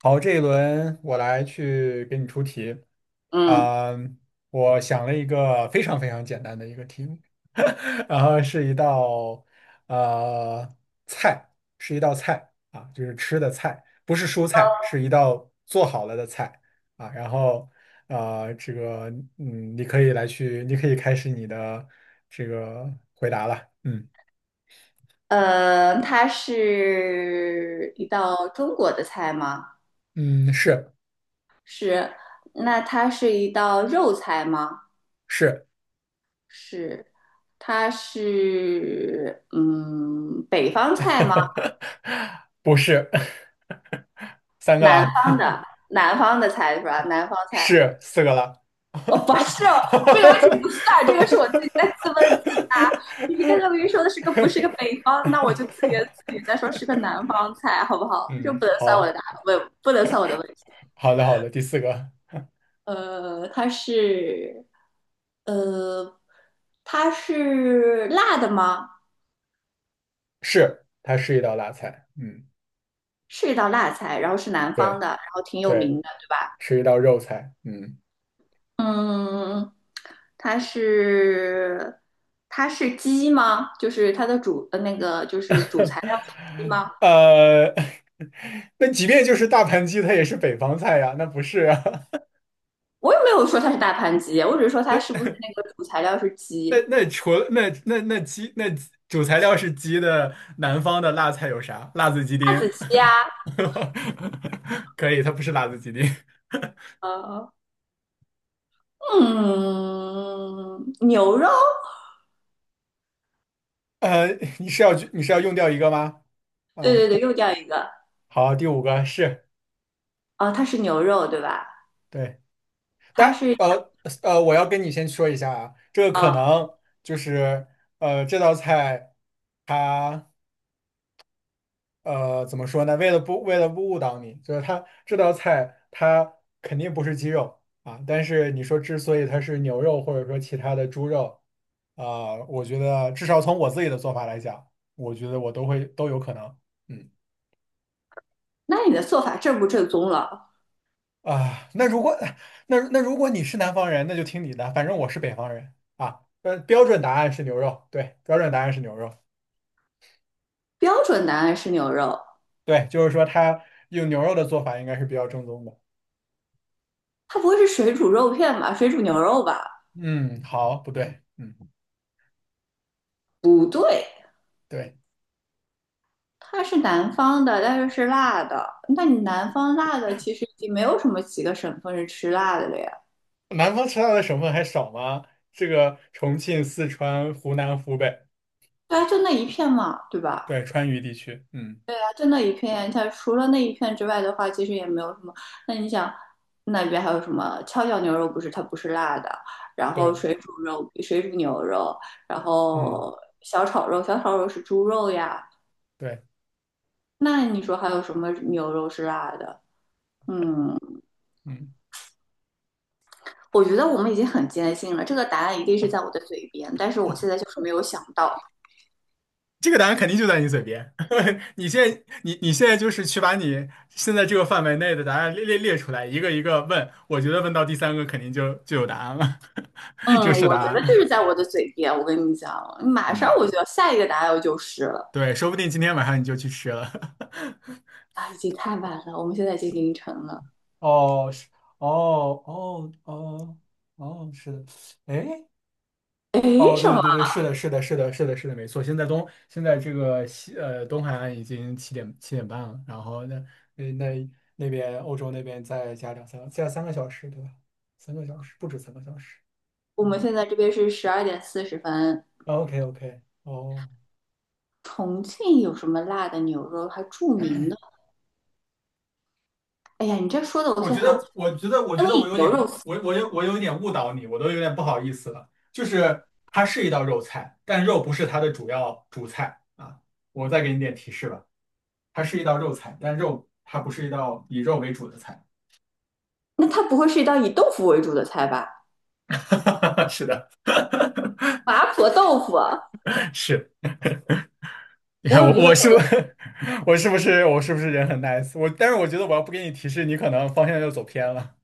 好，这一轮我来去给你出题嗯，啊，我想了一个非常非常简单的一个题目，然后是一道呃菜，是一道菜啊，就是吃的菜，不是蔬菜，是一道做好了的菜啊。然后呃，这个你可以来去，你可以开始你的这个回答了。嗯它是一道中国的菜吗？嗯，是是。那它是一道肉菜吗？是。是。它是北方菜吗？不是，三个南啦，方的，南方的菜是吧？南方 菜。是四个啦。哦，不是哦，这个问题不算，这个是我自己在自问自答。你刚刚明 明说的是个不是个北方，那我就自言自语再说是个南方菜，好不好？这嗯，不能算我的好，答，不能算我的问题。好的，好的，第四个呃，它是呃，它是辣的吗？是，它是一道辣菜。嗯，是一道辣菜，然后是南方对，的，然后挺有名对，的，对吧？是一道肉菜。嗯，嗯，它是它是鸡吗？就是它的那个就是主材料鸡吗？呃，那即便就是大盘鸡，它也是北方菜呀，那不是啊？我也没有说它是大盘鸡，我只是说 那它是不是那个主材料是那鸡，那除了那鸡主材料是鸡的，南方的辣菜有啥？辣子鸡辣丁，子鸡呀。可以，它不是辣子鸡丁。呃，嗯，牛肉？呃，你是要用掉一个吗？对啊，对对，又掉一个。好，第五个是哦，它是牛肉，对吧？对，它但是。我要跟你先说一下啊，这个可啊，能就是这道菜它。呃，怎么说呢？为了不误导你，就是它这道菜它肯定不是鸡肉啊，但是你说之所以它是牛肉或者说其他的猪肉，啊，我觉得至少从我自己的做法来讲，我觉得我都会都有可能。嗯那你的做法正不正宗了？啊，那如果 那如果你是南方人，那就听你的，反正我是北方人啊。呃，标准答案是牛肉，对，标准答案是牛肉，标准答案是牛肉。对，就是说它用牛肉的做法应该是比较正宗的。它不会是水煮肉片吧？水煮牛肉吧？嗯，好，不对，嗯，不对。对。它是南方的，但是是辣的。那你南方辣的其实已经没有什么几个省份是吃辣的了呀。南方吃辣的省份还少吗？这个重庆、四川、湖南、湖北，对啊，就那一片嘛，对吧？对，川渝地区，嗯，对啊，就那一片。它除了那一片之外的话，其实也没有什么。那你想，那边还有什么跷脚牛肉？不是，它不是辣的。然后对，水煮肉、水煮牛肉，然嗯，后小炒肉，小炒肉是猪肉呀。对，那你说还有什么牛肉是辣的？嗯，嗯，我觉得我们已经很坚信了，这个答案一定是在我的嘴边，但是我现在就是没有想到。这个答案肯定就在你嘴边。你现在，你现在就是去把你现在这个范围内的答案列出来，一个一个问。我觉得问到第三个肯定就有答案了，嗯，就是答我觉得就案。是在我的嘴边。我跟你们讲，马上嗯，我就要下一个答案就是了。对，说不定今天晚上你就去吃了。啊，已经太晚了，我们现在已经凌晨了。哦，是，哦，哦，哦，哦，是的，哎。诶，哦，什对么？对对，是的，是的，是的，是的，是的，没错。现在东现在这个西呃东海岸已经七点半了，然后那边欧洲那边再加两三个，加三个小时，对吧？三个小时不止三个小时。我们哦现在这边是12:40。，OK OK,哦，重庆有什么辣的牛肉还著名的？哎呀，你这说的，我我现觉在想起得，我觉灯得我影有牛点肉误，丝。我我有我有点误导你，我都有点不好意思了。就是它是一道肉菜，但肉不是它的主要主菜啊。我再给你点提示吧，它是一道肉菜，但肉它不是一道以肉为主的菜。那它不会是一道以豆腐为主的菜吧？是的，麻婆豆腐啊，是。你我看我有一个。我是不 我是不是人很 nice?我但是我觉得我要不给你提示，你可能方向就走偏了。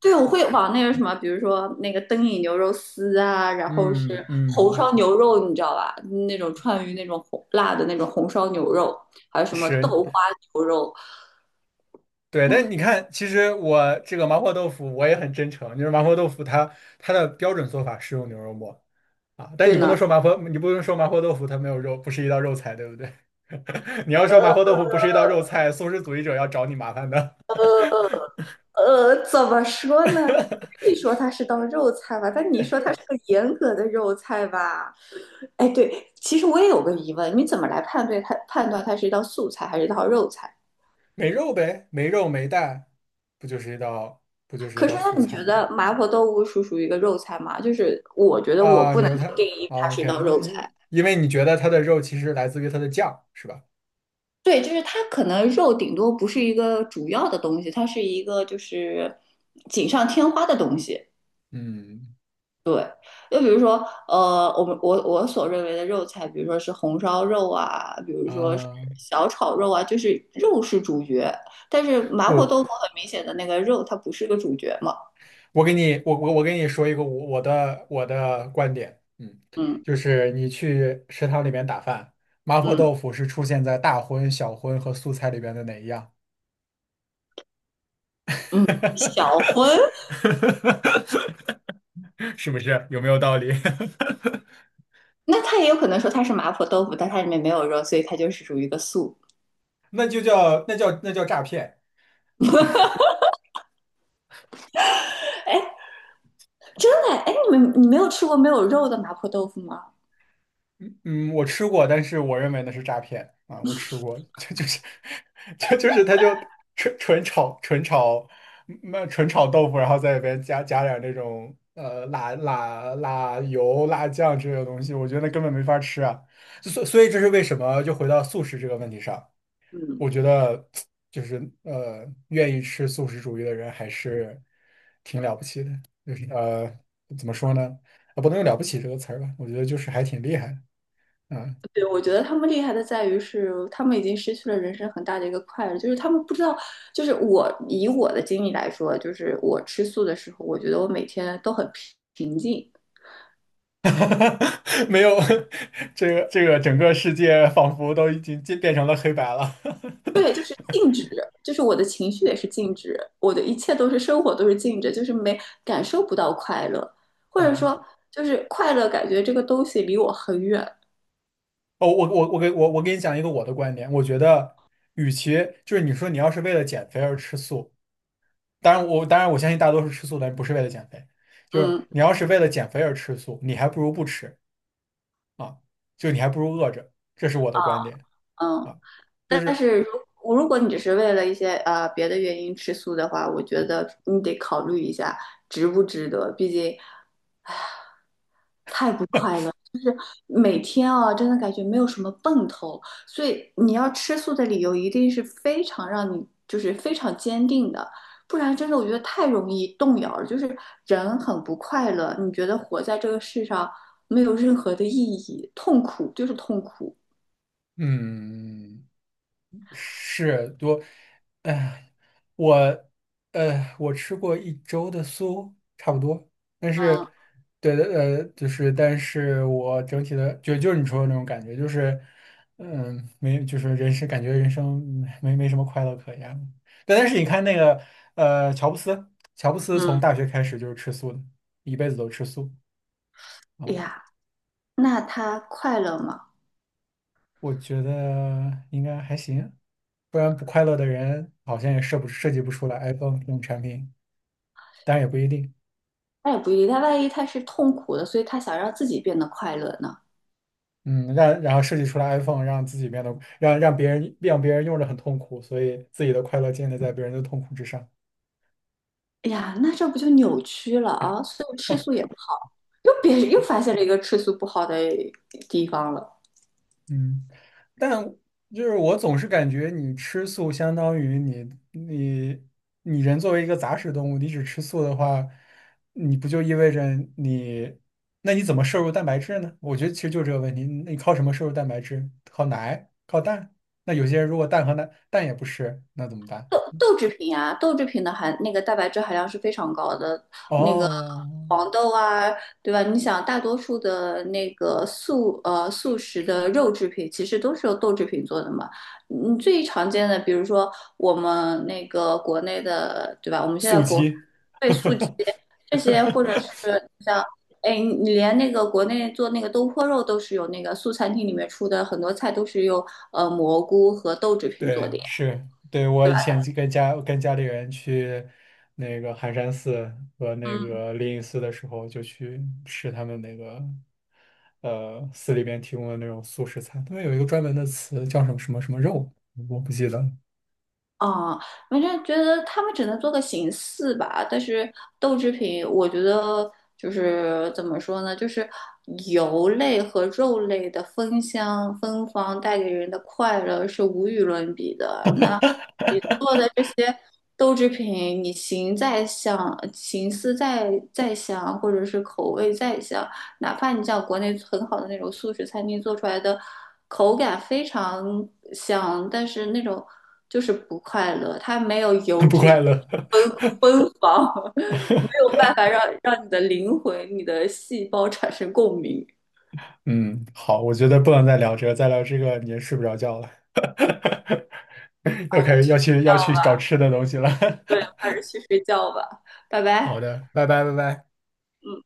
对，我会往那个什么，比如说那个灯影牛肉丝啊，然后嗯是红嗯，烧牛肉，你知道吧？那种川渝那种红辣的那种红烧牛肉，还有什么是豆花牛肉。对，但你唉看，其实我这个麻婆豆腐我也很真诚，就是麻婆豆腐它它的标准做法是用牛肉末啊，但对呢，你不能说麻婆豆腐它没有肉，不是一道肉菜，对不对？你要说麻婆豆腐不是一道肉菜，素食主义者要找你麻烦的。怎么说呢？可 以说它是道肉菜吧，但你说它是个严格的肉菜吧？哎，对，其实我也有个疑问，你怎么来判断它是一道素菜还是一道肉菜？没肉呗，没肉没蛋，不就是一可是，道那素你菜觉吗？得麻婆豆腐属于一个肉菜吗？就是我觉得我啊，不能牛排够定义它啊是一，OK,道因肉菜。因因为你觉得它的肉其实来自于它的酱，是吧？对，就是它可能肉顶多不是一个主要的东西，它是一个就是锦上添花的东西。嗯就比如说，我们我我所认为的肉菜，比如说是红烧肉啊，比如说是啊，小炒肉啊，就是肉是主角。但是麻婆不，豆腐很明显的那个肉，它不是个主角嘛。我给你说一个的我的观点，嗯，嗯就是你去食堂里面打饭，麻婆嗯豆腐是出现在大荤、小荤和素菜里边的哪一样？嗯，小荤。是不是？有没有道理？那他也有可能说他是麻婆豆腐，但它里面没有肉，所以它就是属于一个素。那就叫那叫诈骗。哎，真的，哎，你们没有吃过没有肉的麻婆豆腐吗？嗯嗯，我吃过，但是我认为那是诈骗啊，我吃过，这就是这 就是他就纯纯炒纯炒纯炒豆腐，然后在里边加点那种辣油、辣酱之类的东西，我觉得那根本没法吃啊。所以这是为什么？就回到素食这个问题上，嗯，我觉得就是呃，愿意吃素食主义的人还是挺了不起的。就是呃，怎么说呢？啊，不能用"了不起"这个词儿吧？我觉得就是还挺厉害的啊。对，我觉得他们厉害的在于是，他们已经失去了人生很大的一个快乐，就是他们不知道，就是我以我的经历来说，就是我吃素的时候，我觉得我每天都很平静，没有，这个整个世界仿佛都已经变成了黑白了。对，就是静止，就是我的情绪也是静止，我的一切都是生活都是静止，就是没感受不到快乐，或者嗯，说就是快乐感觉这个东西离我很远。哦，我给你讲一个我的观点，我觉得，与其就是你说你要是为了减肥而吃素。当然我，当然我相信大多数吃素的人不是为了减肥，就是嗯你要是为了减肥而吃素，你还不如不吃啊，就你还不如饿着，这是我的观点嗯。啊，就但是是如果你只是为了一些别的原因吃素的话，我觉得你得考虑一下值不值得，毕竟每天啊，真的感觉没有什么奔头，所以你要吃素的理由一定是非常让你非常坚定的，不然真的我觉得太容易动摇了，就是人很不快乐，你觉得活在这个世上没有任何的意义，痛苦就是痛苦。嗯。是多，哎，我，呃，我吃过一周的素，差不多。但嗯是，对的，呃，就是，但是我整体的，就是你说的那种感觉，就是，嗯，没，就是人生没什么快乐可言。对，但是你看那个，呃，乔布斯，乔布斯从嗯，大学开始就是吃素的，一辈子都吃素哎啊。呀，那他快乐吗？我觉得应该还行，不然不快乐的人好像也设计不出来 iPhone 这种产品。但也不一定。那也不一定，他万一他是痛苦的，所以他想让自己变得快乐呢？嗯，让然后设计出来 iPhone,让自己变得让别人用着很痛苦，所以自己的快乐建立在别人的痛苦之上。哎呀，那这不就扭曲了啊？所以吃素也不好，又别又发现了一个吃素不好的地方了。嗯，但就是我总是感觉你吃素相当于你人作为一个杂食动物，你只吃素的话，你不就意味着你那你怎么摄入蛋白质呢？我觉得其实就这个问题，你靠什么摄入蛋白质？靠奶？靠蛋？那有些人如果蛋和奶蛋也不吃，那怎么办？豆制品啊，豆制品的含那个蛋白质含量是非常高的，那个哦，黄豆啊，对吧？你想，大多数的那个素食的肉制品，其实都是由豆制品做的嘛。嗯，最常见的，比如说我们那个国内的，对吧？我们现在速国激。被素鸡这些，或者 是像。哎，你连那个国内做那个东坡肉都是有那个素餐厅里面出的很多菜都是用蘑菇和豆制品做的对，呀，是，对，我对以吧？前就跟家里人去那个寒山寺和那嗯。个灵隐寺的时候，就去吃他们那个呃寺里边提供的那种素食餐，他们有一个专门的词叫什么什么什么肉，我不记得了，啊，反正觉得他们只能做个形式吧，但是豆制品，我觉得就是怎么说呢，就是油类和肉类的芬芳带给人的快乐是无与伦比的。你做的这些豆制品，你形再像，形似再像，或者是口味再像，哪怕你像国内很好的那种素食餐厅做出来的，口感非常像，但是那种就是不快乐，它没有油 不脂的快乐。芬 芬芳，没有办法让你的灵魂、你的细胞产生共鸣。嗯，好，我觉得不能再聊这个，再聊这个你也睡不着觉了，要还是开始去睡觉。要去找吃的东西了。对，还是去睡觉吧，拜 好拜。的，拜拜。嗯。